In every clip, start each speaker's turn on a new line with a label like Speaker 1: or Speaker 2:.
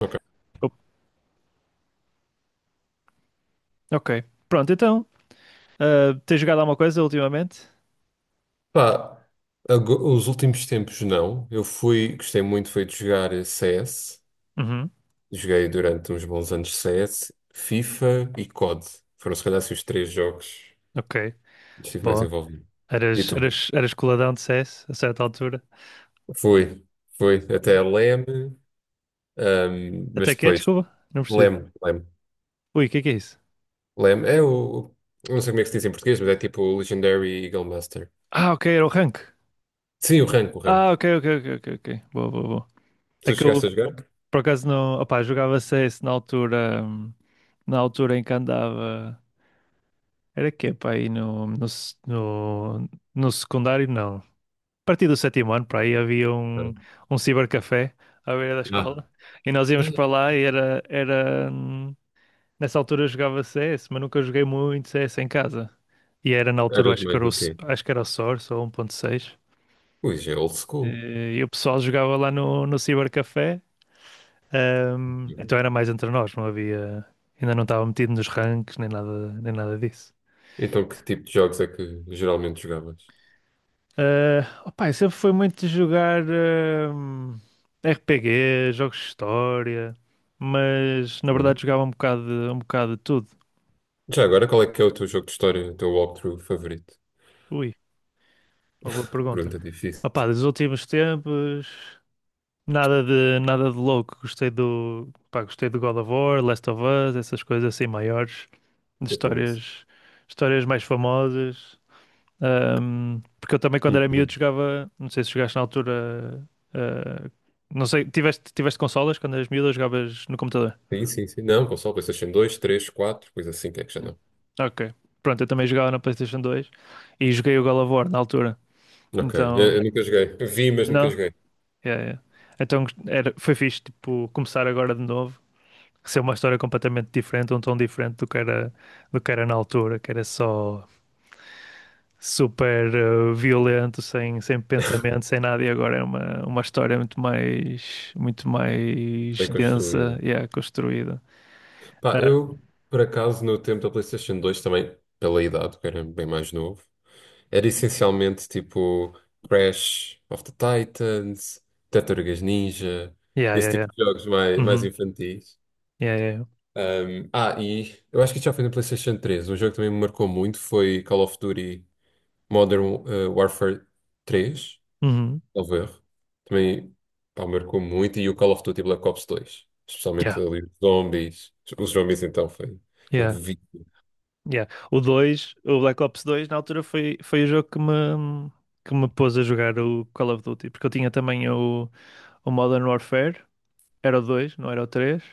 Speaker 1: Ok.
Speaker 2: O- Ok. Pronto, então. Tens jogado alguma coisa ultimamente?
Speaker 1: Pá, os últimos tempos não. Eu fui, gostei muito foi de jogar CS.
Speaker 2: Uhum,
Speaker 1: Joguei durante uns bons anos CS, FIFA e COD. Foram se calhar assim, os três jogos
Speaker 2: ok,
Speaker 1: que estive mais
Speaker 2: boa.
Speaker 1: envolvido. E
Speaker 2: Eras,
Speaker 1: tu?
Speaker 2: eras, eras coladão de CS a certa altura.
Speaker 1: Fui, fui até a LEM,
Speaker 2: Até
Speaker 1: mas
Speaker 2: que é,
Speaker 1: depois
Speaker 2: desculpa, não percebi.
Speaker 1: LEM, LEM,
Speaker 2: Ui, o que é isso?
Speaker 1: LEM é o, eu não sei como é que se diz em português, mas é tipo o Legendary Eagle Master.
Speaker 2: Ah, ok, era o rank.
Speaker 1: Sim, o rank, o rank.
Speaker 2: Ah, ok, ok, ok, ok, ok. Boa, boa, boa. É
Speaker 1: Tu
Speaker 2: que eu,
Speaker 1: chegaste a jogar?
Speaker 2: por acaso, não. Opá, jogava CS na altura. Na altura em que andava. Era que, pá, aí no, no, se- no, no secundário, não. A partir do sétimo ano, para aí havia
Speaker 1: Ah,
Speaker 2: um cibercafé à beira da
Speaker 1: ah,
Speaker 2: escola e nós íamos para lá e era, era nessa altura eu jogava CS, mas nunca joguei muito CS em casa. E era na altura,
Speaker 1: eras
Speaker 2: acho que
Speaker 1: mais
Speaker 2: era
Speaker 1: do que eu.
Speaker 2: Acho que era o Source ou 1.6.
Speaker 1: Ui, já é old school.
Speaker 2: E o pessoal jogava lá no cibercafé, então era mais entre nós, não havia, ainda não estava metido nos ranks nem nada, nem nada disso.
Speaker 1: Então, que tipo de jogos é que geralmente jogavas?
Speaker 2: Ah, opa, eu sempre foi muito de jogar RPG, jogos de história, mas na verdade
Speaker 1: Bem,
Speaker 2: jogava um bocado de tudo.
Speaker 1: já agora, qual é que é o teu jogo de história, o teu walkthrough favorito?
Speaker 2: Ui, uma boa pergunta.
Speaker 1: Pergunta difícil,
Speaker 2: Opa, dos últimos tempos, nada de louco. Gostei do God of War, Last of Us, essas coisas assim maiores, de
Speaker 1: o famoso.
Speaker 2: histórias, histórias mais famosas. Porque eu também, quando era miúdo,
Speaker 1: Uhum.
Speaker 2: jogava. Não sei se jogaste na altura. ah, não sei, tiveste consolas quando eras miúdo ou jogavas no computador?
Speaker 1: Sim, sim, sim. Não, console, PlayStation 2, 3, 4, coisa assim, que é que já
Speaker 2: Yeah.
Speaker 1: não.
Speaker 2: Ok. Pronto, eu também jogava na PlayStation 2 e joguei o God of War na altura.
Speaker 1: Ok, eu,
Speaker 2: Então.
Speaker 1: eu nunca joguei. Vi, mas nunca
Speaker 2: Não?
Speaker 1: joguei.
Speaker 2: Yeah, yeah. Foi fixe, tipo, começar agora de novo. Ser uma história completamente diferente, um tom diferente do que era na altura, que era só super violento, sem pensamento, sem nada, e agora é uma história muito mais
Speaker 1: Bem construído.
Speaker 2: densa e yeah, construída.
Speaker 1: Pá,
Speaker 2: Ah,
Speaker 1: eu, por acaso, no tempo da PlayStation 2 também, pela idade, que era bem mais novo, era essencialmente tipo Crash of the Titans, Tartarugas Ninja,
Speaker 2: yeah,
Speaker 1: esse
Speaker 2: yeah,
Speaker 1: tipo
Speaker 2: yeah.
Speaker 1: de jogos mais
Speaker 2: Uhum.
Speaker 1: infantis.
Speaker 2: Yeah, yeah, yeah.
Speaker 1: E eu acho que isso já foi no PlayStation 3. Um jogo que também me marcou muito foi Call of Duty Modern Warfare 3,
Speaker 2: Uhum.
Speaker 1: salvo erro. Também, pá, marcou muito. E o Call of Duty Black Ops 2, especialmente
Speaker 2: Yeah,
Speaker 1: ali os zombies. Os zombies então foi um
Speaker 2: yeah,
Speaker 1: vício.
Speaker 2: yeah. O Black Ops 2 na altura foi, foi o jogo que me pôs a jogar o Call of Duty, porque eu tinha também o Modern Warfare. Era o 2, não era o 3.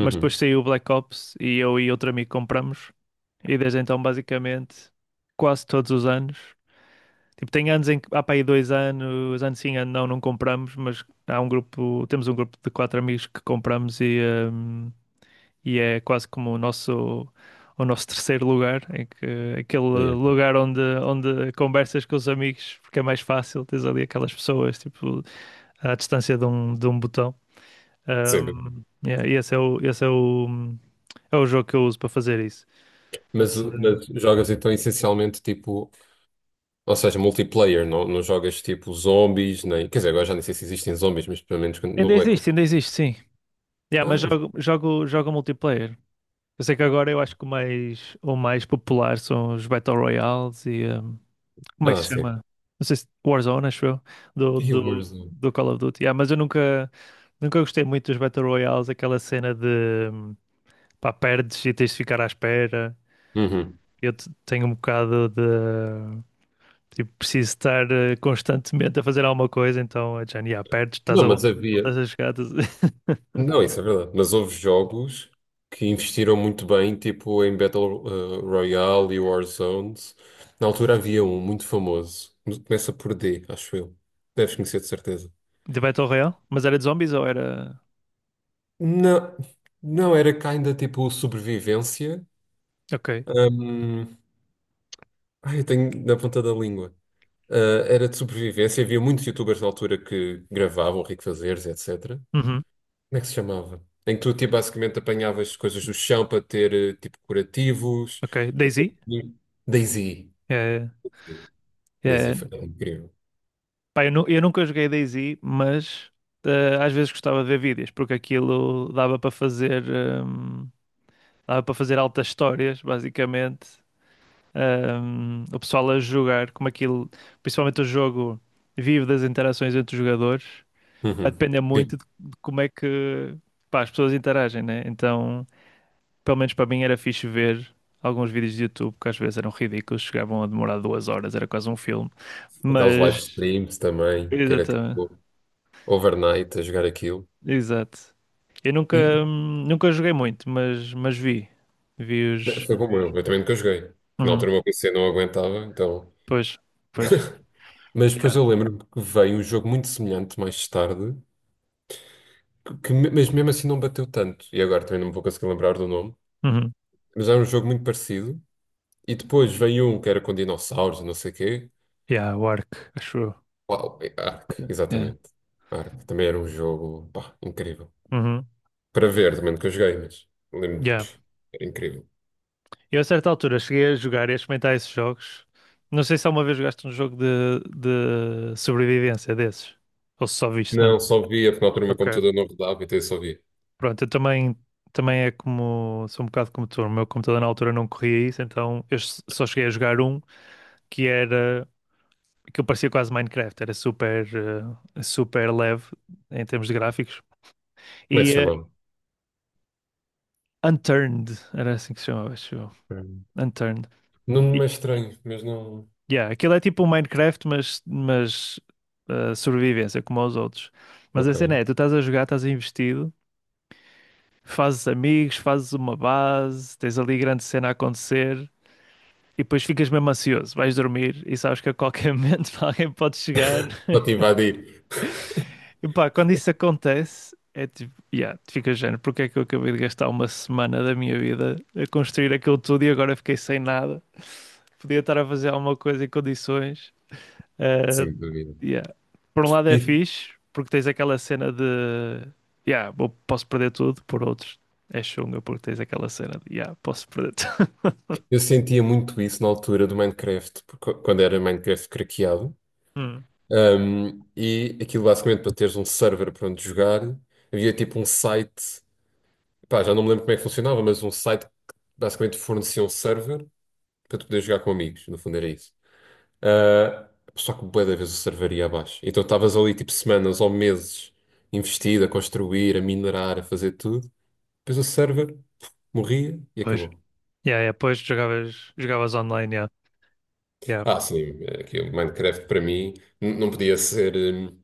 Speaker 2: Mas depois saiu o Black Ops e eu e outro amigo compramos. E desde então, basicamente, quase todos os anos. Tipo, tem anos em que há para aí dois anos, anos sim, ano não, não compramos, mas há um grupo, temos um grupo de 4 amigos que compramos hum, e é quase como o nosso terceiro lugar, em que, aquele
Speaker 1: É.
Speaker 2: lugar onde conversas com os amigos, porque é mais fácil, tens ali aquelas pessoas, tipo, à distância de um botão.
Speaker 1: Sim.
Speaker 2: Yeah, e esse é é o jogo que eu uso para fazer isso.
Speaker 1: Mas,
Speaker 2: Mas, eh,
Speaker 1: mas jogas então essencialmente tipo, ou seja, multiplayer, não jogas tipo zombies, nem. Quer dizer, agora já nem sei se existem zombies, mas pelo menos no
Speaker 2: Ainda
Speaker 1: Black
Speaker 2: existe,
Speaker 1: Ops.
Speaker 2: ainda existe, sim.
Speaker 1: Ah,
Speaker 2: Yeah, mas
Speaker 1: não.
Speaker 2: jogo multiplayer. Eu sei que agora eu acho que o mais popular são os Battle Royales e como é que
Speaker 1: Ah,
Speaker 2: se
Speaker 1: sim.
Speaker 2: chama? Não sei se Warzone, acho eu,
Speaker 1: E o Warzone.
Speaker 2: do Call of Duty. Yeah, mas eu nunca gostei muito dos Battle Royales, aquela cena de pá, perdes e tens de ficar à espera. Tenho um bocado de. Tipo, preciso estar constantemente a fazer alguma coisa, então, yeah, perdes,
Speaker 1: Não, mas havia.
Speaker 2: voltas a jogar. Estás-
Speaker 1: Não, isso é verdade. Mas houve jogos que investiram muito bem, tipo em Battle Royale e Warzones. Na altura havia um muito famoso. Começa por D, acho eu. Deves conhecer de certeza.
Speaker 2: De Battle Royale? Mas era de zombies ou era.
Speaker 1: Não, não, era cá ainda tipo sobrevivência.
Speaker 2: Ok.
Speaker 1: Hum, ai, eu tenho na ponta da língua. Ah, era de sobrevivência. Havia muitos youtubers na altura que gravavam, Rico Fazeres, etc.
Speaker 2: Uhum.
Speaker 1: Como é que se chamava? Em que tu tipo, basicamente apanhavas coisas do chão para ter tipo curativos,
Speaker 2: Ok.
Speaker 1: para ter.
Speaker 2: DayZ?
Speaker 1: Daisy.
Speaker 2: É,
Speaker 1: Sim. Daisy
Speaker 2: é...
Speaker 1: foi incrível.
Speaker 2: Pá, eu, eu nunca joguei DayZ, mas às vezes gostava de ver vídeos, porque aquilo dava para fazer. hum, Dava para fazer altas histórias, basicamente. O pessoal a jogar, como aquilo. Principalmente o jogo vive das interações entre os jogadores. Vai
Speaker 1: Uhum.
Speaker 2: depender muito
Speaker 1: Sim,
Speaker 2: de como é que pá, as pessoas interagem, né? Então, pelo menos para mim era fixe ver alguns vídeos de YouTube que às vezes eram ridículos, chegavam a demorar 2 horas, era quase um filme.
Speaker 1: aqueles live
Speaker 2: Mas,
Speaker 1: streams também, que era
Speaker 2: exatamente,
Speaker 1: tipo overnight a jogar aquilo.
Speaker 2: exato. Eu
Speaker 1: E
Speaker 2: nunca joguei muito, mas vi.
Speaker 1: e foi como
Speaker 2: Vi
Speaker 1: eu
Speaker 2: os-
Speaker 1: também nunca joguei, porque na
Speaker 2: Uhum.
Speaker 1: altura o meu PC não aguentava, então.
Speaker 2: Pois, pois.
Speaker 1: Mas depois
Speaker 2: Yeah.
Speaker 1: eu lembro-me que veio um jogo muito semelhante mais tarde, mas mesmo assim não bateu tanto. E agora também não me vou conseguir lembrar do nome,
Speaker 2: Uhum.
Speaker 1: mas era um jogo muito parecido. E depois veio um que era com dinossauros, não sei o quê.
Speaker 2: Yeah, o Ark, acho eu.
Speaker 1: Uau, é Ark,
Speaker 2: Yeah.
Speaker 1: exatamente. Ark também era um jogo, pá, incrível.
Speaker 2: Uhum.
Speaker 1: Para ver, também nunca joguei, mas lembro,
Speaker 2: Yeah.
Speaker 1: pff, era incrível.
Speaker 2: Eu, a certa altura, cheguei a jogar e a experimentar esses jogos. Não sei se alguma vez jogaste um jogo de sobrevivência desses. Ou se só viste mesmo.
Speaker 1: Não, só via, porque na altura o meu
Speaker 2: Ok.
Speaker 1: computador não rodava, então eu só via.
Speaker 2: Pronto, também é como. Sou um bocado como tu. O meu computador na altura não corria isso, então só cheguei a jogar um que era. Que eu parecia quase Minecraft. Era super leve em termos de gráficos.
Speaker 1: Como é que
Speaker 2: E
Speaker 1: se
Speaker 2: eh,
Speaker 1: chamava?
Speaker 2: Unturned, era assim que se chamava, acho eu.
Speaker 1: Hum.
Speaker 2: Unturned.
Speaker 1: Nome é estranho, mas não.
Speaker 2: Yeah, aquilo é tipo um Minecraft, mas sobrevivência, como aos outros. Mas a
Speaker 1: Ok.
Speaker 2: cena é, tu estás a jogar, estás investido, fazes amigos, fazes uma base, tens ali grande cena a acontecer e depois ficas mesmo ansioso, vais dormir e sabes que a qualquer momento alguém pode chegar.
Speaker 1: Só te invadir.
Speaker 2: E pá, quando isso acontece, é tipo, yeah, tu ficas género, porque é que eu acabei de gastar uma semana da minha vida a construir aquilo tudo e agora fiquei sem nada? Podia estar a fazer alguma coisa em condições. Uh,
Speaker 1: Sem dúvida.
Speaker 2: yeah. Por um lado é
Speaker 1: E
Speaker 2: fixe, porque tens aquela cena de yeah, posso perder tudo, por outros é chunga, porque tens aquela cena de yeah, posso perder tudo.
Speaker 1: eu sentia muito isso na altura do Minecraft, porque quando era Minecraft craqueado.
Speaker 2: Hum,
Speaker 1: E aquilo basicamente para teres um server para onde jogar, havia tipo um site, pá, já não me lembro como é que funcionava, mas um site que basicamente fornecia um server para tu poderes jogar com amigos, no fundo era isso. Ah, só que bué da vez o server ia abaixo. Então estavas ali tipo semanas ou meses investido a construir, a minerar, a fazer tudo. Depois o server, puf, morria e
Speaker 2: pois.
Speaker 1: acabou.
Speaker 2: Yeah, yeah, pois jogavas online, yeah. Yeah.
Speaker 1: Ah, sim, aqui o Minecraft para mim não podia ser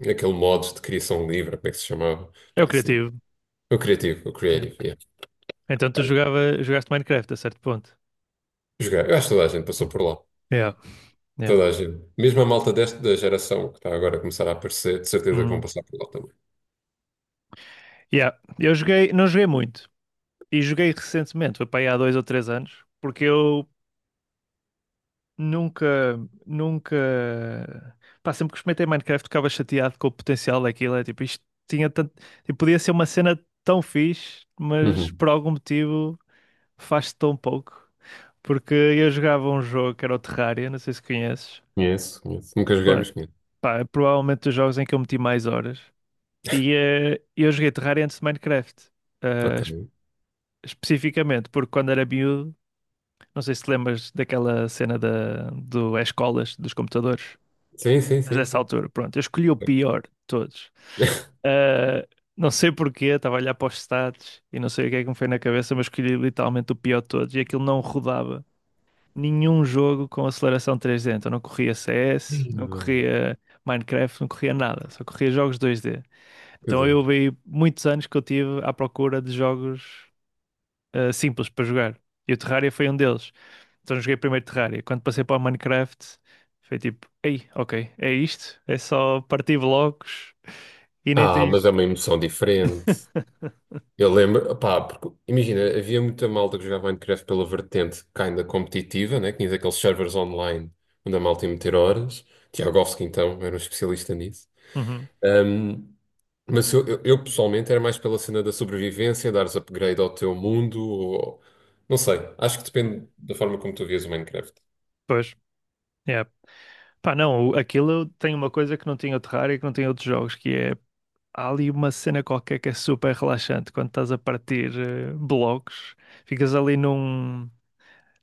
Speaker 1: aquele modo de criação livre, como é que se chamava?
Speaker 2: É o
Speaker 1: Pá, isso não.
Speaker 2: criativo.
Speaker 1: O criativo, o
Speaker 2: Yeah.
Speaker 1: creative, yeah.
Speaker 2: Então tu
Speaker 1: Olha,
Speaker 2: jogaste Minecraft a certo ponto.
Speaker 1: jogar. Eu acho que toda a gente passou por lá.
Speaker 2: Yeah, yeah.
Speaker 1: Toda a gente. Mesmo a malta desta da geração que está agora a começar a aparecer, de certeza que vão
Speaker 2: Hum.
Speaker 1: passar por lá também.
Speaker 2: Yeah. Eu joguei, não joguei muito. E joguei recentemente, foi para aí há dois ou três anos, porque eu nunca, nunca. Pá, sempre que experimentei Minecraft ficava chateado com o potencial daquilo. É tipo, isto tinha tanto. Tipo, podia ser uma cena tão fixe, mas
Speaker 1: Uhum.
Speaker 2: por algum motivo faz-se tão pouco. Porque eu jogava um jogo que era o Terraria, não sei se conheces.
Speaker 1: Conheço, conheço. Nunca joguei,
Speaker 2: Pronto,
Speaker 1: mas conheço.
Speaker 2: pá, é provavelmente dos jogos em que eu meti mais horas. Eu joguei Terraria antes de Minecraft. eh,
Speaker 1: Ok.
Speaker 2: es- Especificamente, porque quando era miúdo, não sei se te lembras daquela cena do é escolas dos computadores.
Speaker 1: Sim, sim,
Speaker 2: Mas
Speaker 1: sim,
Speaker 2: dessa
Speaker 1: sim.
Speaker 2: altura, pronto, eu escolhi o pior de todos. Ah, não sei porquê, estava a olhar para os stats e não sei o que é que me foi na cabeça, mas escolhi literalmente o pior de todos e aquilo não rodava nenhum jogo com aceleração 3D. Então não corria CS,
Speaker 1: Ih,
Speaker 2: não
Speaker 1: bem,
Speaker 2: corria Minecraft, não corria nada, só corria jogos 2D.
Speaker 1: que
Speaker 2: Então
Speaker 1: dor.
Speaker 2: eu vi muitos anos que eu tive à procura de jogos simples para jogar. E o Terraria foi um deles. Então joguei primeiro Terraria. Quando passei para o Minecraft, foi tipo, ei, ok, é isto, é só partir blocos e nem
Speaker 1: Ah, mas é
Speaker 2: tens.
Speaker 1: uma emoção diferente. Eu lembro, pá, porque imagina, havia muita malta que jogava Minecraft pela vertente kinda competitiva, né? Tinhas aqueles servers online onde a malta ia meter horas. Tiagovski, então, era um especialista nisso.
Speaker 2: Uhum.
Speaker 1: Ahm, mas eu pessoalmente era mais pela cena da sobrevivência, dares upgrade ao teu mundo, ou não sei, acho que depende da forma como tu vias o Minecraft.
Speaker 2: Pois, é. Pá, não, aquilo tem uma coisa que não tinha o Terraria, que não tinha outros jogos, que é há ali uma cena qualquer que é super relaxante quando estás a partir blocos, ficas ali num.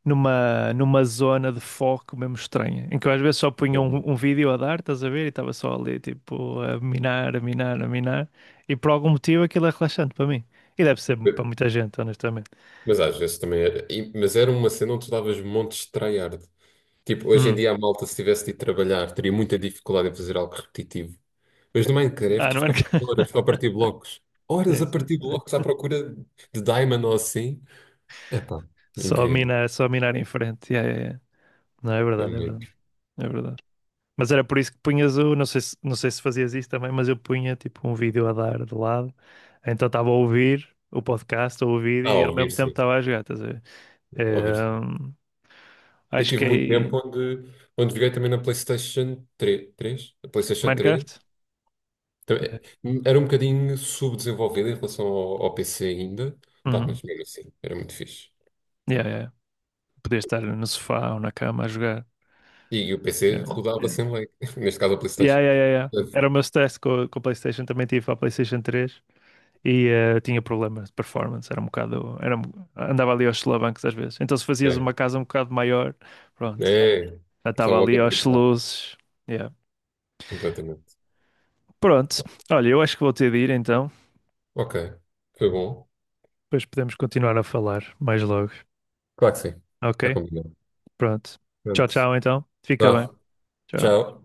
Speaker 2: Numa, numa zona de foco mesmo estranha, em que eu às vezes só punha
Speaker 1: Uhum.
Speaker 2: um vídeo a dar, estás a ver? E estava só ali, tipo, a minar, e por algum motivo aquilo é relaxante para mim. E deve ser para muita gente, honestamente.
Speaker 1: Mas às vezes também era. Mas era uma cena onde tu davas montes de tryhard. Tipo, hoje em
Speaker 2: Hum.
Speaker 1: dia a malta, se tivesse de ir trabalhar, teria muita dificuldade em fazer algo repetitivo. Mas no
Speaker 2: Ah,
Speaker 1: Minecraft eu
Speaker 2: não é?
Speaker 1: ficava horas só a partir blocos. Horas
Speaker 2: Sim,
Speaker 1: a
Speaker 2: sim,
Speaker 1: partir
Speaker 2: sim.
Speaker 1: blocos à procura de diamond ou assim. Epá, incrível.
Speaker 2: Só minar em frente. Yeah, yeah, yeah. Não, é verdade, é
Speaker 1: Também.
Speaker 2: verdade, é verdade. Mas era por isso que punhas o, não sei se, não sei se fazias isso também, mas eu punha tipo um vídeo a dar de lado, então estava a ouvir o podcast ou o
Speaker 1: Ah,
Speaker 2: vídeo e ao mesmo
Speaker 1: ouvir
Speaker 2: tempo
Speaker 1: sim.
Speaker 2: estava a jogar, estás a ver?
Speaker 1: Ouvir sim.
Speaker 2: Ehm,
Speaker 1: Eu
Speaker 2: Acho
Speaker 1: tive
Speaker 2: que
Speaker 1: muito
Speaker 2: é
Speaker 1: tempo onde joguei também na PlayStation 3.
Speaker 2: Minecraft. Yeah.
Speaker 1: Também- Era um bocadinho subdesenvolvida em relação ao PC ainda. Pá,
Speaker 2: Uhum.
Speaker 1: mas mesmo assim, era muito fixe.
Speaker 2: Yeah, yeah. Podia estar no sofá ou na cama a jogar.
Speaker 1: E o PC
Speaker 2: Yeah,
Speaker 1: rodava
Speaker 2: yeah.
Speaker 1: sem lag. Neste caso a
Speaker 2: Yeah,
Speaker 1: PlayStation.
Speaker 2: yeah, yeah, yeah. Era o meu stress com a PlayStation, também tive a PlayStation 3 e tinha problemas de performance, era um bocado, era, um- andava ali aos solavancos às vezes. Então se fazias
Speaker 1: É.
Speaker 2: uma casa um bocado maior, pronto,
Speaker 1: É.
Speaker 2: já
Speaker 1: Começava
Speaker 2: estava
Speaker 1: logo
Speaker 2: ali
Speaker 1: a
Speaker 2: aos
Speaker 1: tricar
Speaker 2: luzes. Yeah.
Speaker 1: completamente.
Speaker 2: Pronto, olha, eu acho que vou ter de ir então,
Speaker 1: Ok. Foi bom.
Speaker 2: depois podemos continuar a falar mais logo,
Speaker 1: Claro que sim.
Speaker 2: ok?
Speaker 1: Está combinado.
Speaker 2: Pronto, tchau,
Speaker 1: Pronto.
Speaker 2: tchau então, fica bem,
Speaker 1: Vá.
Speaker 2: tchau.
Speaker 1: Tchau.